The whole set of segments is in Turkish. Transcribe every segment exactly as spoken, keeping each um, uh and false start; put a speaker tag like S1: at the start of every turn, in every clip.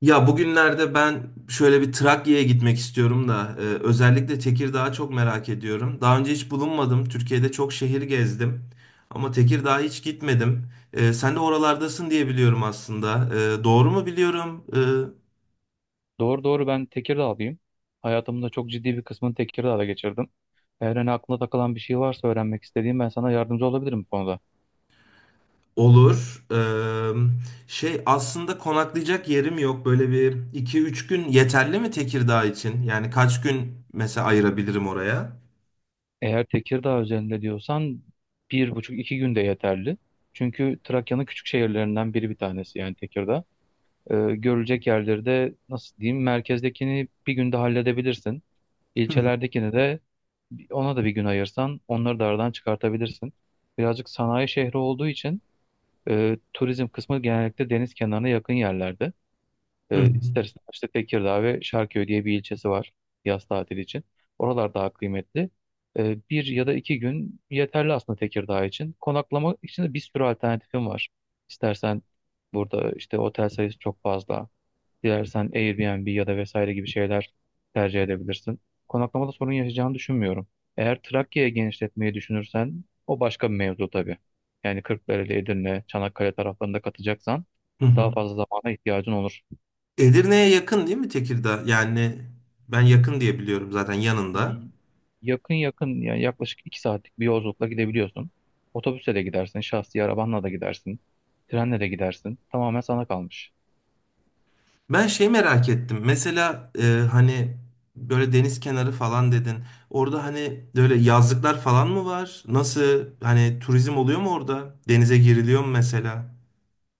S1: Ya bugünlerde ben şöyle bir Trakya'ya gitmek istiyorum da e, özellikle Tekirdağ'ı çok merak ediyorum. Daha önce hiç bulunmadım. Türkiye'de çok şehir gezdim ama Tekirdağ'a hiç gitmedim. E, sen de oralardasın diye biliyorum aslında. E, doğru mu biliyorum? E,
S2: Doğru doğru ben Tekirdağlıyım. Hayatımın da çok ciddi bir kısmını Tekirdağ'da geçirdim. Eğer hani aklına takılan bir şey varsa öğrenmek istediğim ben sana yardımcı olabilirim bu konuda.
S1: olur. E, şey, aslında konaklayacak yerim yok. Böyle bir iki üç gün yeterli mi Tekirdağ için? Yani kaç gün mesela ayırabilirim oraya?
S2: Eğer Tekirdağ üzerinde diyorsan bir buçuk iki günde yeterli. Çünkü Trakya'nın küçük şehirlerinden biri bir tanesi yani Tekirdağ. Ee, görülecek yerleri de nasıl diyeyim merkezdekini bir günde halledebilirsin.
S1: Hı
S2: İlçelerdekini de ona da bir gün ayırsan onları da aradan çıkartabilirsin. Birazcık sanayi şehri olduğu için e, turizm kısmı genellikle deniz kenarına yakın yerlerde.
S1: hı.
S2: E, ister istemez işte Tekirdağ ve Şarköy diye bir ilçesi var yaz tatili için. Oralar daha kıymetli. E, bir ya da iki gün yeterli aslında Tekirdağ için. Konaklama için de bir sürü alternatifim var. İstersen burada işte otel sayısı çok fazla. Dilersen Airbnb ya da vesaire gibi şeyler tercih edebilirsin. Konaklamada sorun yaşayacağını düşünmüyorum. Eğer Trakya'ya genişletmeyi düşünürsen o başka bir mevzu tabii. Yani Kırklareli, Edirne, Çanakkale taraflarında katacaksan
S1: Hı hı.
S2: daha fazla zamana ihtiyacın olur.
S1: Edirne'ye yakın değil mi Tekirdağ? Yani ben yakın diye biliyorum zaten yanında.
S2: Yakın yakın yani yaklaşık iki saatlik bir yolculukla gidebiliyorsun. Otobüsle de gidersin, şahsi arabanla da gidersin, trenle de gidersin. Tamamen sana kalmış.
S1: Ben şey merak ettim. Mesela e, hani böyle deniz kenarı falan dedin. Orada hani böyle yazlıklar falan mı var? Nasıl, hani turizm oluyor mu orada? Denize giriliyor mu mesela?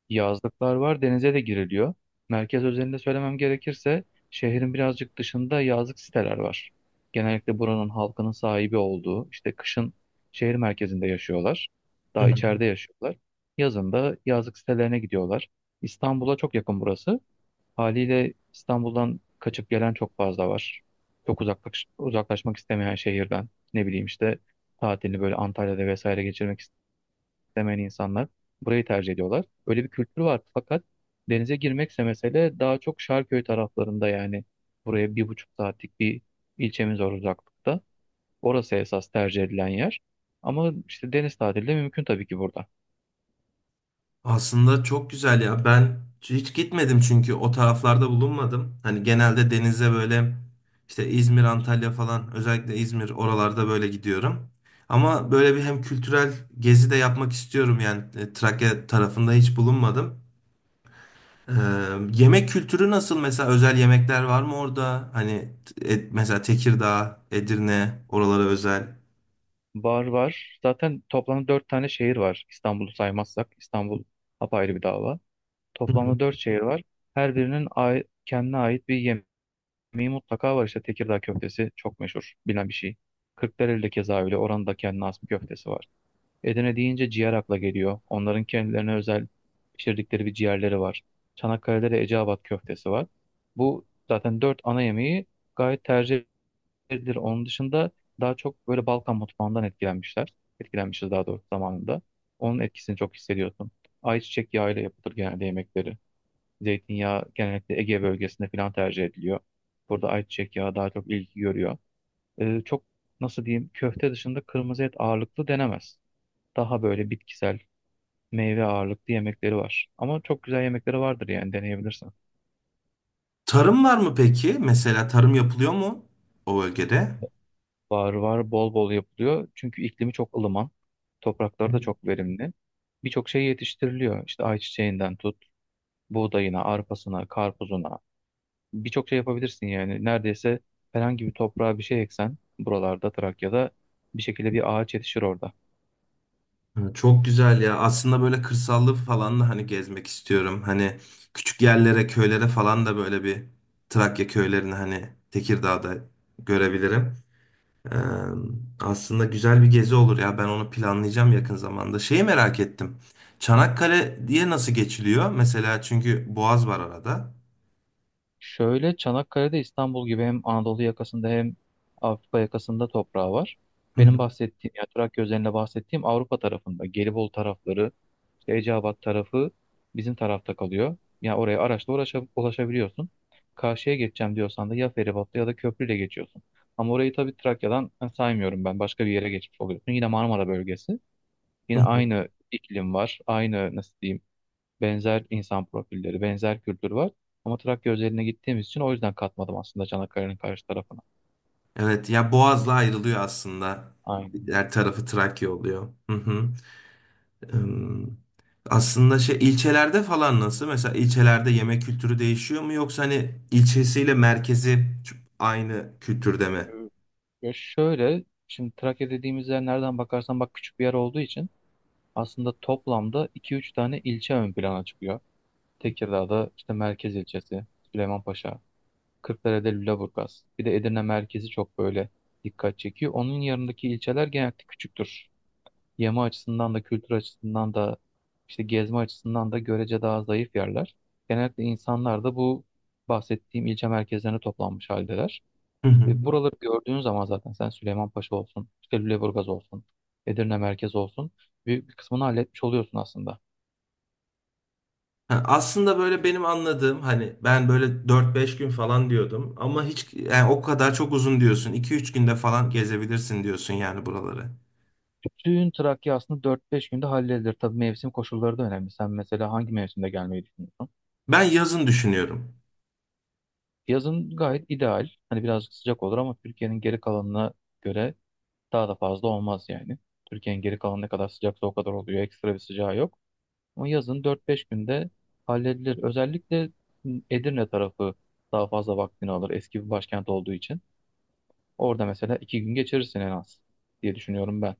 S2: Yazlıklar var, denize de giriliyor. Merkez özelinde söylemem gerekirse şehrin birazcık dışında yazlık siteler var. Genellikle buranın halkının sahibi olduğu, işte kışın şehir merkezinde yaşıyorlar. Daha içeride yaşıyorlar. Yazın da yazlık sitelerine gidiyorlar. İstanbul'a çok yakın burası. Haliyle İstanbul'dan kaçıp gelen çok fazla var. Çok uzaklaş, uzaklaşmak istemeyen şehirden. Ne bileyim işte tatilini böyle Antalya'da vesaire geçirmek istemeyen insanlar burayı tercih ediyorlar. Böyle bir kültür var fakat denize girmekse mesele daha çok Şarköy taraflarında yani buraya bir buçuk saatlik bir ilçemiz var uzaklıkta. Orası esas tercih edilen yer. Ama işte deniz tatili de mümkün tabii ki burada.
S1: Aslında çok güzel ya. Ben hiç gitmedim çünkü o taraflarda bulunmadım. Hani genelde denize böyle işte İzmir, Antalya falan, özellikle İzmir, oralarda böyle gidiyorum. Ama böyle bir hem kültürel gezi de yapmak istiyorum yani. E, Trakya tarafında hiç bulunmadım. Ee, Yemek kültürü nasıl mesela, özel yemekler var mı orada? Hani e, mesela Tekirdağ, Edirne, oralara özel.
S2: Var var. Zaten toplam dört tane şehir var. İstanbul'u saymazsak, İstanbul apayrı bir dava.
S1: Hı hı.
S2: Toplamda dört şehir var. Her birinin ai- kendine ait bir yemeği mutlaka var. İşte Tekirdağ köftesi çok meşhur, bilinen bir şey. Kırklareli'de keza öyle. Oranın da kendine has bir köftesi var. Edirne deyince ciğer akla geliyor. Onların kendilerine özel pişirdikleri bir ciğerleri var. Çanakkale'de de Eceabat köftesi var. Bu zaten dört ana yemeği gayet tercih edilir. Onun dışında daha çok böyle Balkan mutfağından etkilenmişler. Etkilenmişiz daha doğrusu zamanında. Onun etkisini çok hissediyorsun. Ayçiçek yağıyla yapılır genelde yemekleri. Zeytinyağı genellikle Ege bölgesinde falan tercih ediliyor. Burada ayçiçek yağı daha çok ilgi görüyor. Ee, çok nasıl diyeyim köfte dışında kırmızı et ağırlıklı denemez. Daha böyle bitkisel meyve ağırlıklı yemekleri var. Ama çok güzel yemekleri vardır yani deneyebilirsin.
S1: Tarım var mı peki? Mesela tarım yapılıyor mu o bölgede?
S2: Var var bol bol yapılıyor. Çünkü iklimi çok ılıman. Toprakları da çok verimli. Birçok şey yetiştiriliyor. İşte ayçiçeğinden tut, buğdayına, arpasına, karpuzuna, birçok şey yapabilirsin yani. Neredeyse herhangi bir toprağa bir şey eksen buralarda Trakya'da bir şekilde bir ağaç yetişir orada.
S1: Ha, çok güzel ya. Aslında böyle kırsallı falan da hani gezmek istiyorum. Hani küçük yerlere, köylere falan da böyle bir Trakya köylerini hani Tekirdağ'da görebilirim. Ee, aslında güzel bir gezi olur ya. Ben onu planlayacağım yakın zamanda. Şeyi merak ettim. Çanakkale diye nasıl geçiliyor? Mesela, çünkü Boğaz var arada.
S2: Şöyle Çanakkale'de İstanbul gibi hem Anadolu yakasında hem Avrupa yakasında toprağı var.
S1: Hı
S2: Benim
S1: hı,
S2: bahsettiğim yani Trakya özelinde bahsettiğim Avrupa tarafında Gelibolu tarafları, işte Eceabat tarafı bizim tarafta kalıyor. Yani oraya araçla uğraşa- ulaşabiliyorsun. Karşıya geçeceğim diyorsan da ya feribotla ya da köprüyle geçiyorsun. Ama orayı tabii Trakya'dan saymıyorum ben. Başka bir yere geçmiş oluyorsun. Yine Marmara bölgesi.
S1: hı
S2: Yine
S1: hı.
S2: aynı iklim var. Aynı nasıl diyeyim benzer insan profilleri, benzer kültür var. Ama Trakya özeline gittiğimiz için o yüzden katmadım aslında Çanakkale'nin karşı tarafına.
S1: Evet ya, Boğaz'la ayrılıyor aslında.
S2: Aynen.
S1: Her tarafı Trakya oluyor. Hı hı. Im, aslında şey, ilçelerde falan nasıl? Mesela ilçelerde yemek kültürü değişiyor mu, yoksa hani ilçesiyle merkezi aynı kültürde mi?
S2: Ee, ya şöyle şimdi Trakya dediğimiz yer nereden bakarsan bak küçük bir yer olduğu için aslında toplamda iki üç tane ilçe ön plana çıkıyor. Tekirdağ'da işte merkez ilçesi, Süleymanpaşa, Kırklareli'de Lüleburgaz. Bir de Edirne merkezi çok böyle dikkat çekiyor. Onun yanındaki ilçeler genellikle küçüktür. Yeme açısından da kültür açısından da işte gezme açısından da görece daha zayıf yerler. Genellikle insanlar da bu bahsettiğim ilçe merkezlerine toplanmış haldeler.
S1: Hı hı.
S2: E, buraları gördüğün zaman zaten sen Süleymanpaşa olsun, işte Lüleburgaz olsun, Edirne merkez olsun büyük bir kısmını halletmiş oluyorsun aslında.
S1: Ha, aslında böyle benim anladığım, hani ben böyle dört beş gün falan diyordum ama hiç, yani o kadar çok uzun diyorsun. İki üç günde falan gezebilirsin diyorsun yani buraları.
S2: Bütün Trakya aslında dört beş günde halledilir. Tabii mevsim koşulları da önemli. Sen mesela hangi mevsimde gelmeyi düşünüyorsun?
S1: Ben yazın düşünüyorum.
S2: Yazın gayet ideal. Hani birazcık sıcak olur ama Türkiye'nin geri kalanına göre Daha da fazla olmaz yani. Türkiye'nin geri kalanı ne kadar sıcaksa o kadar oluyor. Ekstra bir sıcağı yok. Ama yazın dört beş günde halledilir. Özellikle Edirne tarafı daha fazla vaktini alır. Eski bir başkent olduğu için. Orada mesela iki gün geçirirsin en az diye düşünüyorum ben.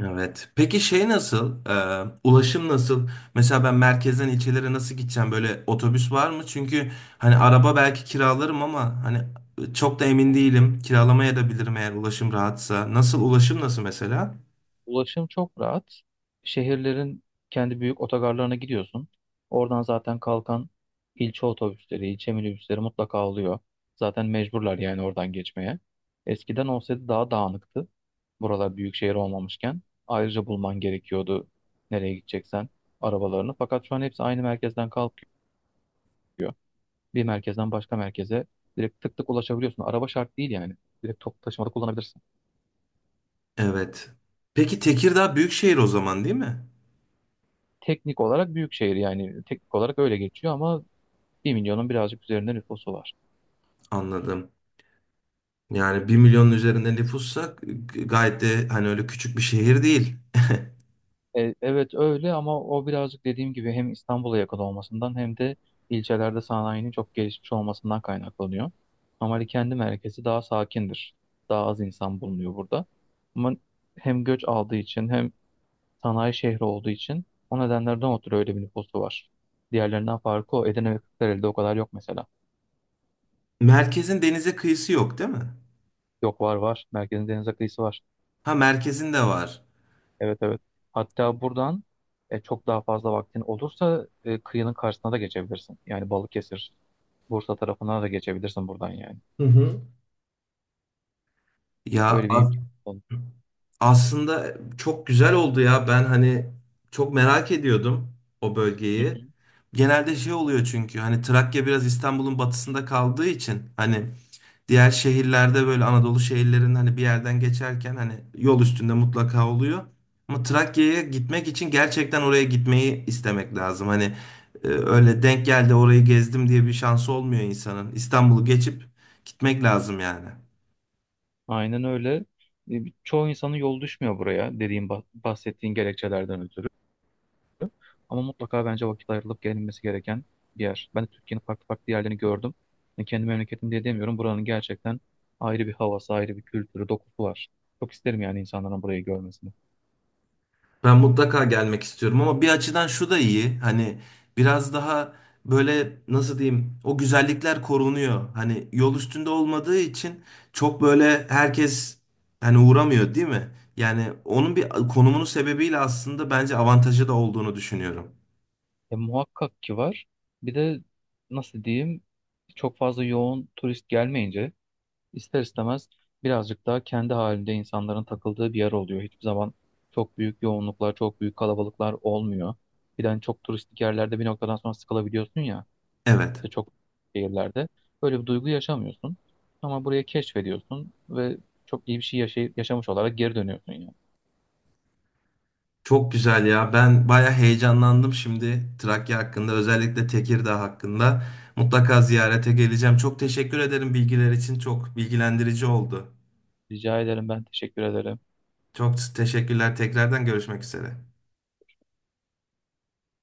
S1: Evet. Peki şey nasıl? Ee, ulaşım nasıl? Mesela ben merkezden ilçelere nasıl gideceğim? Böyle otobüs var mı? Çünkü hani araba belki kiralarım ama hani çok da emin değilim. Kiralamaya da bilirim eğer ulaşım rahatsa. Nasıl, ulaşım nasıl mesela?
S2: Ulaşım çok rahat. Şehirlerin kendi büyük otogarlarına gidiyorsun. Oradan zaten kalkan ilçe otobüsleri, ilçe minibüsleri mutlaka alıyor. Zaten mecburlar yani oradan geçmeye. Eskiden olsaydı daha dağınıktı. Buralar büyük şehir olmamışken. Ayrıca bulman gerekiyordu nereye gideceksen arabalarını. Fakat şu an hepsi aynı merkezden kalkıyor. Bir merkezden başka merkeze direkt tık tık ulaşabiliyorsun. Araba şart değil yani. Direkt toplu taşımada kullanabilirsin.
S1: Evet. Peki Tekirdağ büyük şehir o zaman değil mi?
S2: Teknik olarak büyük şehir yani teknik olarak öyle geçiyor ama bir milyonun birazcık üzerinde nüfusu var.
S1: Anladım. Yani bir milyonun üzerinde nüfussa, g- gayet de hani öyle küçük bir şehir değil.
S2: E, evet öyle ama o birazcık dediğim gibi hem İstanbul'a yakın olmasından hem de ilçelerde sanayinin çok gelişmiş olmasından kaynaklanıyor. Normali kendi merkezi daha sakindir. Daha az insan bulunuyor burada. Ama hem göç aldığı için hem sanayi şehri olduğu için o nedenlerden ötürü öyle bir nüfusu var. Diğerlerinden farkı o. Edirne ve Kırklareli'de o kadar yok mesela.
S1: Merkezin denize kıyısı yok değil mi?
S2: Yok var var. Merkezin denize kıyısı var.
S1: Ha, merkezin de var.
S2: Evet evet. Hatta buradan e, çok daha fazla vaktin olursa e, kıyının karşısına da geçebilirsin. Yani Balıkesir, Bursa tarafına da geçebilirsin buradan yani.
S1: Hı hı. Ya
S2: Öyle bir
S1: az.
S2: imkan. var.
S1: Aslında çok güzel oldu ya. Ben hani çok merak ediyordum o
S2: Hı
S1: bölgeyi.
S2: hı.
S1: Genelde şey oluyor, çünkü hani Trakya biraz İstanbul'un batısında kaldığı için hani diğer şehirlerde böyle, Anadolu şehirlerinin hani bir yerden geçerken hani yol üstünde mutlaka oluyor. Ama Trakya'ya gitmek için gerçekten oraya gitmeyi istemek lazım. Hani e, öyle denk geldi orayı gezdim diye bir şansı olmuyor insanın. İstanbul'u geçip gitmek lazım yani.
S2: Aynen öyle. E, çoğu insanın yol düşmüyor buraya dediğim bah- bahsettiğin gerekçelerden ötürü. Ama mutlaka bence vakit ayrılıp gelinmesi gereken bir yer. Ben de Türkiye'nin farklı farklı yerlerini gördüm. E, kendi memleketim diye demiyorum. Buranın gerçekten ayrı bir havası, ayrı bir kültürü, dokusu var. Çok isterim yani insanların burayı görmesini.
S1: Ben mutlaka gelmek istiyorum ama bir açıdan şu da iyi. Hani biraz daha böyle, nasıl diyeyim, o güzellikler korunuyor. Hani yol üstünde olmadığı için çok böyle herkes hani uğramıyor değil mi? Yani onun bir konumunun sebebiyle aslında bence avantajı da olduğunu düşünüyorum.
S2: E, muhakkak ki var. Bir de nasıl diyeyim çok fazla yoğun turist gelmeyince ister istemez birazcık daha kendi halinde insanların takıldığı bir yer oluyor. Hiçbir zaman çok büyük yoğunluklar, çok büyük kalabalıklar olmuyor. Bir de hani çok turistik yerlerde bir noktadan sonra sıkılabiliyorsun ya.
S1: Evet.
S2: İşte çok şehirlerde böyle bir duygu yaşamıyorsun. Ama buraya keşfediyorsun ve çok iyi bir şey yaşay- yaşamış olarak geri dönüyorsun yani.
S1: Çok güzel ya. Ben baya heyecanlandım şimdi Trakya hakkında, özellikle Tekirdağ hakkında. Mutlaka ziyarete geleceğim. Çok teşekkür ederim bilgiler için. Çok bilgilendirici oldu.
S2: Rica ederim ben teşekkür ederim.
S1: Çok teşekkürler. Tekrardan görüşmek üzere.